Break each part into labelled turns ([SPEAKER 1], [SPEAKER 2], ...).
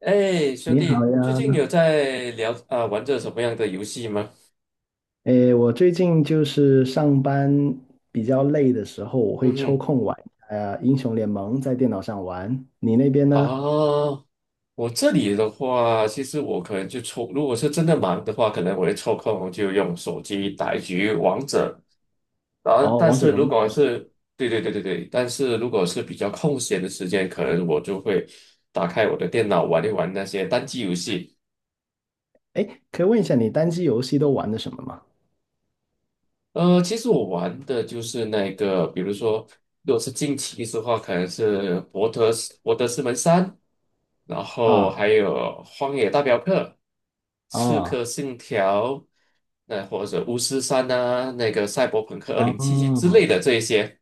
[SPEAKER 1] 哎，兄
[SPEAKER 2] 你好
[SPEAKER 1] 弟，最近
[SPEAKER 2] 呀。
[SPEAKER 1] 有在聊啊、玩着什么样的游戏吗？
[SPEAKER 2] 我最近就是上班比较累的时候，我会
[SPEAKER 1] 嗯
[SPEAKER 2] 抽
[SPEAKER 1] 哼。
[SPEAKER 2] 空玩英雄联盟，在电脑上玩。你那边
[SPEAKER 1] 啊，
[SPEAKER 2] 呢？
[SPEAKER 1] 我这里的话，其实我可能如果是真的忙的话，可能我会抽空就用手机打一局王者。然后，
[SPEAKER 2] 哦，
[SPEAKER 1] 但
[SPEAKER 2] 王者
[SPEAKER 1] 是
[SPEAKER 2] 荣
[SPEAKER 1] 如
[SPEAKER 2] 耀
[SPEAKER 1] 果
[SPEAKER 2] 是吧？
[SPEAKER 1] 是对对对对对，但是如果是比较空闲的时间，可能我就会打开我的电脑玩一玩那些单机游戏。
[SPEAKER 2] 诶，可以问一下你单机游戏都玩的什么吗？
[SPEAKER 1] 其实我玩的就是那个，比如说，如果是近期的话，可能是博德之门3，然后
[SPEAKER 2] 啊
[SPEAKER 1] 还有荒野大镖客、刺客
[SPEAKER 2] 啊
[SPEAKER 1] 信条，那或者巫师3啊，那个赛博朋克二
[SPEAKER 2] 啊！
[SPEAKER 1] 零七七之类的这一些。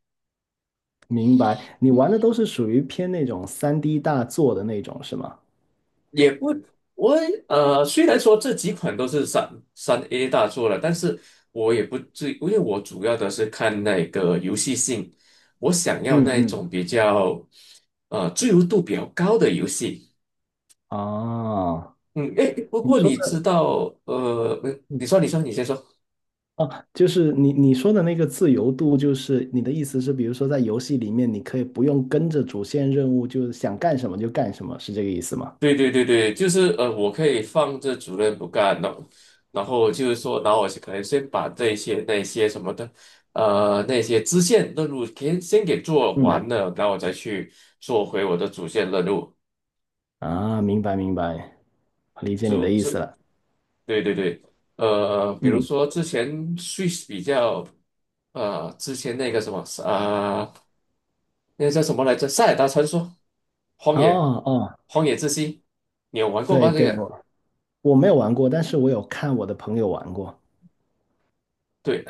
[SPEAKER 2] 明白。你玩的都是属于偏那种三 d 大作的那种是吗？
[SPEAKER 1] 也不，我虽然说这几款都是3A 大作了，但是我也不至，因为我主要的是看那个游戏性，我想要
[SPEAKER 2] 嗯
[SPEAKER 1] 那
[SPEAKER 2] 嗯。
[SPEAKER 1] 种比较自由度比较高的游戏。
[SPEAKER 2] 啊，
[SPEAKER 1] 嗯，诶，不
[SPEAKER 2] 你
[SPEAKER 1] 过
[SPEAKER 2] 说
[SPEAKER 1] 你知
[SPEAKER 2] 的。
[SPEAKER 1] 道，
[SPEAKER 2] 嗯
[SPEAKER 1] 你说，你先说。
[SPEAKER 2] 啊，就是你说的那个自由度，就是你的意思是，比如说在游戏里面，你可以不用跟着主线任务，就是想干什么就干什么，是这个意思吗？
[SPEAKER 1] 对对对对，就是我可以放着主任不干，然后然后我可能先把这些那些什么的，那些支线任务先给做
[SPEAKER 2] 嗯
[SPEAKER 1] 完了，然后我再去做回我的主线任务。
[SPEAKER 2] 啊，明白明白，理解你
[SPEAKER 1] 就
[SPEAKER 2] 的意
[SPEAKER 1] 这，
[SPEAKER 2] 思了。
[SPEAKER 1] 对对对，比如
[SPEAKER 2] 嗯，
[SPEAKER 1] 说之前 Switch 比较，之前那个什么啊、呃那个叫什么来着，《塞尔达传说》、《荒
[SPEAKER 2] 哦
[SPEAKER 1] 野》、
[SPEAKER 2] 哦，
[SPEAKER 1] 《荒野之息》，你有玩过
[SPEAKER 2] 对
[SPEAKER 1] 吧？这
[SPEAKER 2] 对，
[SPEAKER 1] 个？
[SPEAKER 2] 我没有玩过，但是我有看我的朋友玩过。
[SPEAKER 1] 对。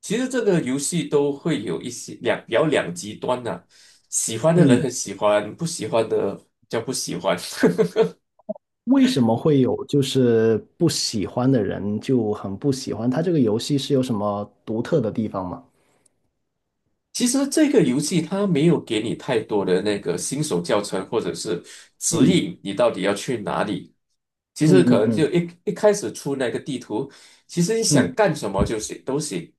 [SPEAKER 1] 其实这个游戏都会有一些比较两极端呐、喜欢的人很
[SPEAKER 2] 嗯，
[SPEAKER 1] 喜欢，不喜欢的叫不喜欢。
[SPEAKER 2] 为什么会有就是不喜欢的人就很不喜欢？他这个游戏是有什么独特的地方吗？
[SPEAKER 1] 其实这个游戏它没有给你太多的那个新手教程或者是指
[SPEAKER 2] 嗯
[SPEAKER 1] 引，你到底要去哪里。其
[SPEAKER 2] 嗯
[SPEAKER 1] 实可
[SPEAKER 2] 嗯
[SPEAKER 1] 能
[SPEAKER 2] 嗯
[SPEAKER 1] 就一开始出那个地图，其实你想
[SPEAKER 2] 嗯
[SPEAKER 1] 干什么就行都行。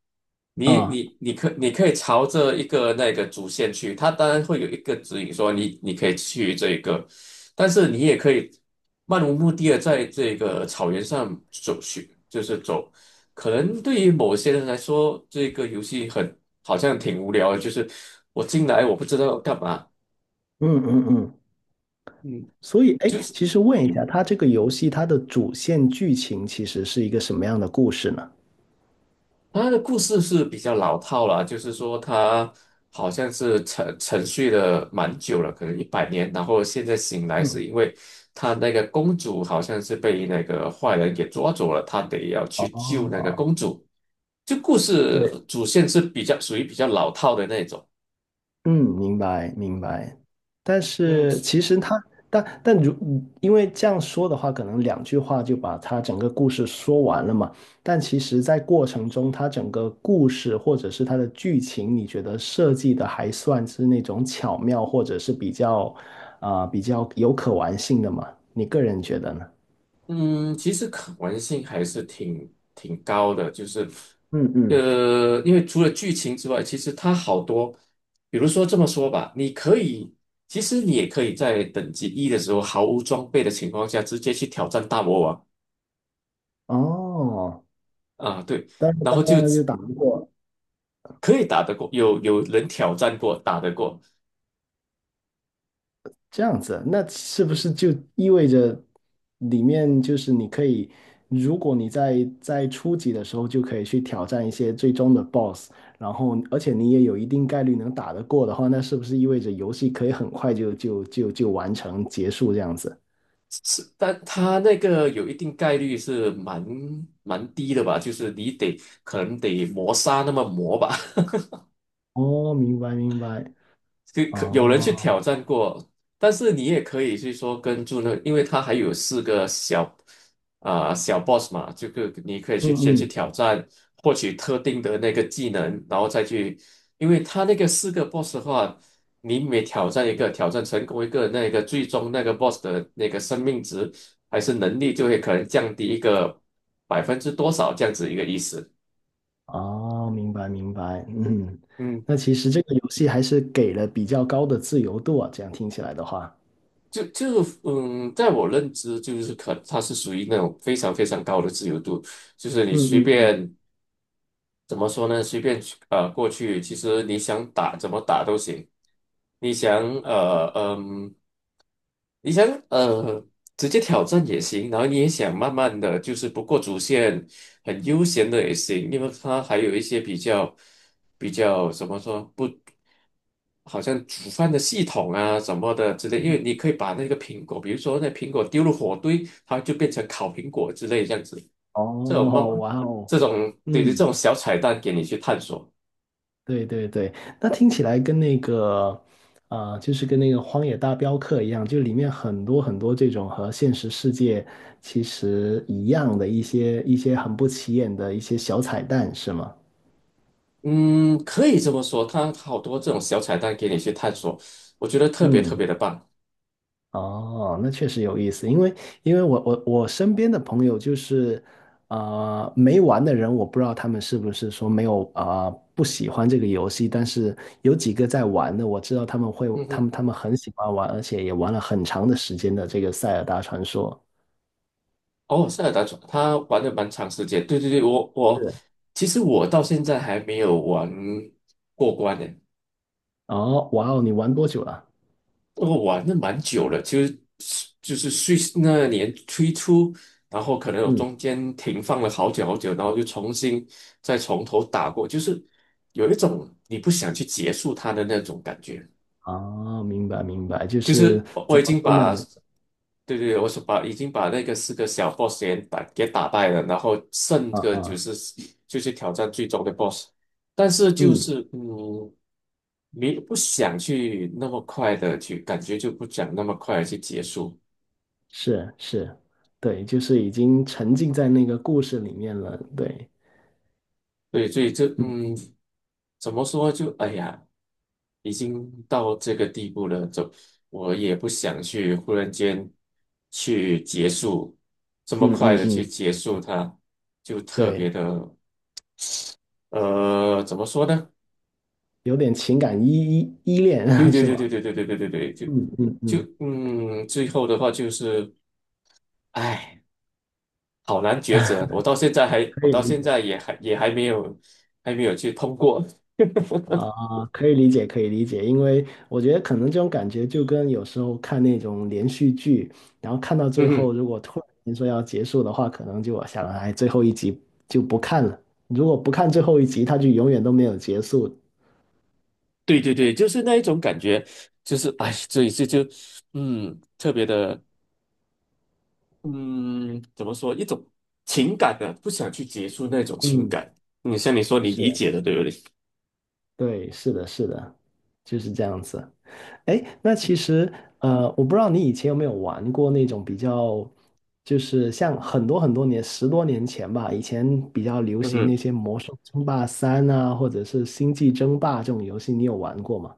[SPEAKER 2] 啊，
[SPEAKER 1] 你可以朝着一个那个主线去，它当然会有一个指引说你可以去这个，但是你也可以漫无目的的在这个草原上走去，就是走。可能对于某些人来说，这个游戏很好像挺无聊的，就是我进来我不知道要干嘛。
[SPEAKER 2] 嗯嗯嗯，
[SPEAKER 1] 嗯，
[SPEAKER 2] 所以，哎，
[SPEAKER 1] 就是
[SPEAKER 2] 其实问一下，它这个游戏它的主线剧情其实是一个什么样的故事呢？
[SPEAKER 1] 它的故事是比较老套了，就是说它好像是沉睡了蛮久了，可能100年，然后现在醒来
[SPEAKER 2] 嗯，
[SPEAKER 1] 是因为他那个公主好像是被那个坏人给抓走了，他得要去救那个
[SPEAKER 2] 哦，
[SPEAKER 1] 公主。就故事
[SPEAKER 2] 对，
[SPEAKER 1] 主线是比较属于比较老套的那种。
[SPEAKER 2] 嗯，明白明白。但
[SPEAKER 1] 嗯。
[SPEAKER 2] 是其实它，但但如因为这样说的话，可能两句话就把它整个故事说完了嘛。但其实，在过程中，它整个故事或者是它的剧情，你觉得设计的还算是那种巧妙，或者是比较比较有可玩性的嘛？你个人觉得呢？
[SPEAKER 1] 嗯，其实可玩性还是挺高的，就是
[SPEAKER 2] 嗯
[SPEAKER 1] 因为除了剧情之外，其实它好多，比如说这么说吧，你可以，其实你也可以在等级一的时候毫无装备的情况下，直接去挑战大魔王
[SPEAKER 2] 哦，
[SPEAKER 1] 啊，对，
[SPEAKER 2] 但是
[SPEAKER 1] 然
[SPEAKER 2] 当
[SPEAKER 1] 后就
[SPEAKER 2] 当然就
[SPEAKER 1] 只
[SPEAKER 2] 打不过，
[SPEAKER 1] 可以打得过，有人挑战过，打得过。
[SPEAKER 2] 这样子，那是不是就意味着里面就是你可以，如果你在初级的时候就可以去挑战一些最终的 BOSS,然后而且你也有一定概率能打得过的话，那是不是意味着游戏可以很快就完成结束这样子？
[SPEAKER 1] 但他那个有一定概率是蛮低的吧，就是你得可能得磨砂那么磨吧。
[SPEAKER 2] 哦，明白明白，
[SPEAKER 1] 就可有人去
[SPEAKER 2] 哦，
[SPEAKER 1] 挑战过，但是你也可以去说跟住那个，因为他还有四个小 boss 嘛，就个你可以去先
[SPEAKER 2] 嗯
[SPEAKER 1] 去
[SPEAKER 2] 嗯
[SPEAKER 1] 挑战，获取特定的那个技能，然后再去，因为他那个四个 boss 的话，你每挑战一个，挑战成功一个，那个最终那个 boss 的那个生命值还是能力就会可能降低一个百分之多少这样子一个意思。
[SPEAKER 2] 哦，明白明白，嗯，
[SPEAKER 1] 嗯。
[SPEAKER 2] 那其实这个游戏还是给了比较高的自由度啊，这样听起来的话，
[SPEAKER 1] 就就嗯，在我认知就是可，它是属于那种非常非常高的自由度，就是你随
[SPEAKER 2] 嗯嗯嗯，
[SPEAKER 1] 便，怎么说呢，随便去过去，其实你想打怎么打都行，你想呃嗯。你想呃直接挑战也行，然后你也想慢慢的就是不过主线，很悠闲的也行，因为它还有一些比较怎么说不，好像煮饭的系统啊什么的之类，因
[SPEAKER 2] 嗯
[SPEAKER 1] 为你可以把那个苹果，比如说那苹果丢入火堆，它就变成烤苹果之类这样子，这种慢
[SPEAKER 2] 哦，
[SPEAKER 1] 慢
[SPEAKER 2] 哇哦，
[SPEAKER 1] 对对，这
[SPEAKER 2] 嗯，
[SPEAKER 1] 种小彩蛋给你去探索。
[SPEAKER 2] 对对对，那听起来跟那个，就是跟那个《荒野大镖客》一样，就里面很多很多这种和现实世界其实一样的一些很不起眼的一些小彩蛋，是吗？
[SPEAKER 1] 嗯，可以这么说，它好多这种小彩蛋给你去探索，我觉得特别特
[SPEAKER 2] 嗯
[SPEAKER 1] 别的棒。
[SPEAKER 2] 哦，那确实有意思，因为因为我身边的朋友就是，没玩的人，我不知道他们是不是说没有不喜欢这个游戏，但是有几个在玩的，我知道他们会，
[SPEAKER 1] 嗯
[SPEAKER 2] 他们
[SPEAKER 1] 哼。
[SPEAKER 2] 他们很喜欢玩，而且也玩了很长的时间的这个《塞尔达传说》。
[SPEAKER 1] 哦，塞尔达传他玩了蛮长时间，对对对，我
[SPEAKER 2] 是。
[SPEAKER 1] 其实我到现在还没有玩过关呢。
[SPEAKER 2] 哦，哇哦，你玩多久了？
[SPEAKER 1] 我玩了蛮久了，其实就是 Switch 那年推出，然后可能有
[SPEAKER 2] 嗯，
[SPEAKER 1] 中间停放了好久好久，然后就重新再从头打过，就是有一种你不想去结束它的那种感觉。
[SPEAKER 2] 哦，明白明白，就
[SPEAKER 1] 就
[SPEAKER 2] 是
[SPEAKER 1] 是我
[SPEAKER 2] 怎
[SPEAKER 1] 我已
[SPEAKER 2] 么
[SPEAKER 1] 经
[SPEAKER 2] 说呢？
[SPEAKER 1] 把，对对，我是把已经把那个四个小 boss 给打败了，然后剩
[SPEAKER 2] 啊
[SPEAKER 1] 个就
[SPEAKER 2] 啊，
[SPEAKER 1] 是挑战最终的 boss，但是就
[SPEAKER 2] 嗯，
[SPEAKER 1] 是嗯，没不想去那么快的去，感觉就不想那么快的去结束。
[SPEAKER 2] 是是，对，就是已经沉浸在那个故事里面了，对。
[SPEAKER 1] 对，所以
[SPEAKER 2] 嗯。
[SPEAKER 1] 怎么说就哎呀，已经到这个地步了，我也不想去忽然间去结束这么
[SPEAKER 2] 嗯
[SPEAKER 1] 快
[SPEAKER 2] 嗯
[SPEAKER 1] 的去
[SPEAKER 2] 嗯，
[SPEAKER 1] 结束它，就特别
[SPEAKER 2] 对，
[SPEAKER 1] 的怎么说呢？
[SPEAKER 2] 有点情感依依
[SPEAKER 1] 对
[SPEAKER 2] 恋
[SPEAKER 1] 对
[SPEAKER 2] 是
[SPEAKER 1] 对对
[SPEAKER 2] 吗？
[SPEAKER 1] 对对对对对对，就
[SPEAKER 2] 嗯嗯嗯，
[SPEAKER 1] 最后的话就是，哎，好难抉择，
[SPEAKER 2] 可
[SPEAKER 1] 我
[SPEAKER 2] 以
[SPEAKER 1] 到
[SPEAKER 2] 理
[SPEAKER 1] 现
[SPEAKER 2] 解
[SPEAKER 1] 在也还没有去通过。
[SPEAKER 2] 啊，可以理解，可以理解，因为我觉得可能这种感觉就跟有时候看那种连续剧，然后看到 最
[SPEAKER 1] 嗯
[SPEAKER 2] 后，
[SPEAKER 1] 哼。
[SPEAKER 2] 如果突然间说要结束的话，可能就我想，哎，最后一集就不看了。如果不看最后一集，它就永远都没有结束。
[SPEAKER 1] 对对对，就是那一种感觉，就是哎，所以这就嗯，特别的嗯，怎么说，一种情感的，不想去结束那种情
[SPEAKER 2] 嗯，
[SPEAKER 1] 感。你像你说你理
[SPEAKER 2] 是。
[SPEAKER 1] 解的，对不对？
[SPEAKER 2] 对，是的，是的，就是这样子。哎，那其实我不知道你以前有没有玩过那种比较，就是像很多很多年，十多年前吧，以前比较 流行
[SPEAKER 1] 嗯。
[SPEAKER 2] 那些《魔兽争霸三》啊，或者是《星际争霸》这种游戏，你有玩过吗？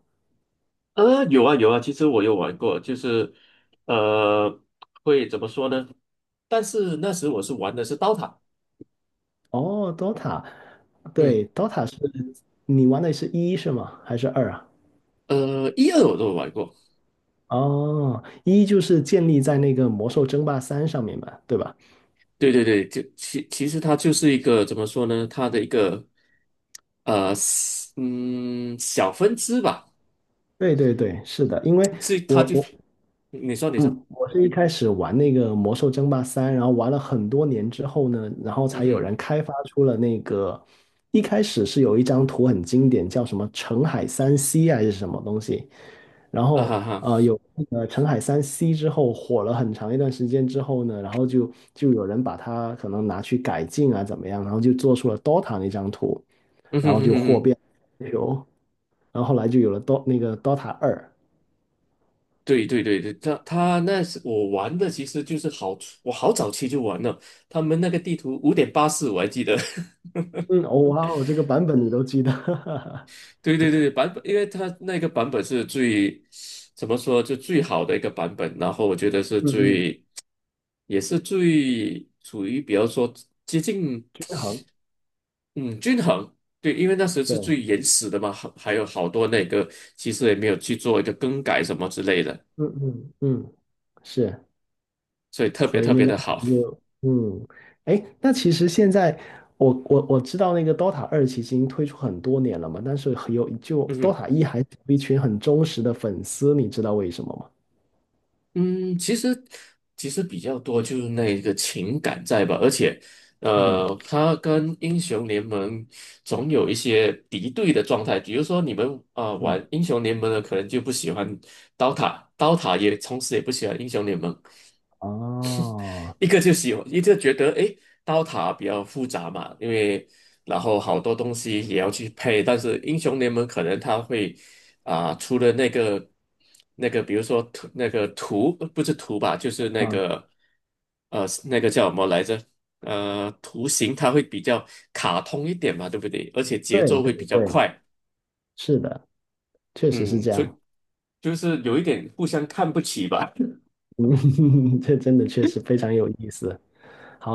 [SPEAKER 1] 啊，有啊有啊，其实我有玩过，就是呃，会怎么说呢？但是那时我是玩的是刀塔。
[SPEAKER 2] 哦，DOTA,
[SPEAKER 1] 嗯，
[SPEAKER 2] 对，DOTA 是你玩的是一是吗？还是二啊？
[SPEAKER 1] 一二我都有玩过。
[SPEAKER 2] 哦，一就是建立在那个《魔兽争霸三》上面嘛，对吧？
[SPEAKER 1] 对对对，就其实它就是一个怎么说呢？它的一个呃，小分支吧。
[SPEAKER 2] 对对对，是的，因为
[SPEAKER 1] 这他
[SPEAKER 2] 我
[SPEAKER 1] 就
[SPEAKER 2] 我
[SPEAKER 1] 你说你说。
[SPEAKER 2] 嗯，我是一开始玩那个《魔兽争霸三》，然后玩了很多年之后呢，然后
[SPEAKER 1] 嗯
[SPEAKER 2] 才有
[SPEAKER 1] 哼，
[SPEAKER 2] 人开发出了那个，一开始是有一张图很经典，叫什么"澄海三 C" 还是什么东西，然
[SPEAKER 1] 啊
[SPEAKER 2] 后
[SPEAKER 1] 哈哈，
[SPEAKER 2] 有那个澄海三 C 之后火了很长一段时间之后呢，然后就有人把它可能拿去改进啊怎么样，然后就做出了 DOTA 那张图，
[SPEAKER 1] 嗯
[SPEAKER 2] 然
[SPEAKER 1] 哼
[SPEAKER 2] 后
[SPEAKER 1] 哼哼，
[SPEAKER 2] 就火
[SPEAKER 1] 嗯哼。
[SPEAKER 2] 遍全球，然后后来就有了 那个 DOTA 二，
[SPEAKER 1] 对对对对，他那是我玩的，其实我好早期就玩了，他们那个地图5.84我还记得。
[SPEAKER 2] 嗯，哦哇哦，这个版本你都记得。
[SPEAKER 1] 对对对对，版本，因为它那个版本是怎么说，就最好的一个版本，然后我觉得是
[SPEAKER 2] 嗯嗯，
[SPEAKER 1] 也是最处于比较说接近。
[SPEAKER 2] 均衡，
[SPEAKER 1] 嗯，均衡。对，因为那时候是
[SPEAKER 2] 对，
[SPEAKER 1] 最原始的嘛，还有好多那个，其实也没有去做一个更改什么之类的，
[SPEAKER 2] 嗯嗯嗯，是，
[SPEAKER 1] 所以特别
[SPEAKER 2] 所以
[SPEAKER 1] 特
[SPEAKER 2] 那
[SPEAKER 1] 别
[SPEAKER 2] 张
[SPEAKER 1] 的好。
[SPEAKER 2] 图就，嗯，哎，那其实现在我知道那个 DOTA 二其实已经推出很多年了嘛，但是很有就
[SPEAKER 1] 嗯哼。
[SPEAKER 2] DOTA 一还是有一群很忠实的粉丝，你知道为什么吗？
[SPEAKER 1] 嗯，其实比较多就是那个情感在吧，而且
[SPEAKER 2] 嗯
[SPEAKER 1] 他跟英雄联盟总有一些敌对的状态，比如说你们
[SPEAKER 2] 嗯，
[SPEAKER 1] 玩英雄联盟的可能就不喜欢刀塔，刀塔也同时也不喜欢英雄联盟。
[SPEAKER 2] 哦，
[SPEAKER 1] 一个就喜欢，一个觉得诶，刀塔比较复杂嘛，因为然后好多东西也要去配，但是英雄联盟可能它会出了那个，比如说图，那个图不是图吧，就是那
[SPEAKER 2] 啊，
[SPEAKER 1] 个那个叫什么来着？图形它会比较卡通一点嘛，对不对？而且节
[SPEAKER 2] 对
[SPEAKER 1] 奏会
[SPEAKER 2] 对
[SPEAKER 1] 比较
[SPEAKER 2] 对，
[SPEAKER 1] 快。
[SPEAKER 2] 是的，确实是
[SPEAKER 1] 嗯，
[SPEAKER 2] 这
[SPEAKER 1] 所以
[SPEAKER 2] 样，
[SPEAKER 1] 就是有一点互相看不起吧。
[SPEAKER 2] 嗯，这真的确实非常有意思。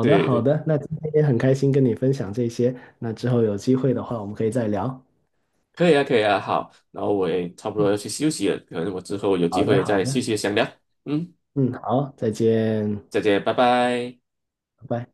[SPEAKER 2] 的
[SPEAKER 1] 对
[SPEAKER 2] 好
[SPEAKER 1] 对。
[SPEAKER 2] 的，那今天也很开心跟你分享这些，那之后有机会的话我们可以再聊。
[SPEAKER 1] 可以啊，可以啊，好，然后我也差不
[SPEAKER 2] 嗯，
[SPEAKER 1] 多要去休息了，可能我之后有机
[SPEAKER 2] 好的，
[SPEAKER 1] 会
[SPEAKER 2] 好
[SPEAKER 1] 再继
[SPEAKER 2] 的，
[SPEAKER 1] 续详聊。嗯，
[SPEAKER 2] 嗯，好，再见，
[SPEAKER 1] 再见，拜拜。
[SPEAKER 2] 拜拜。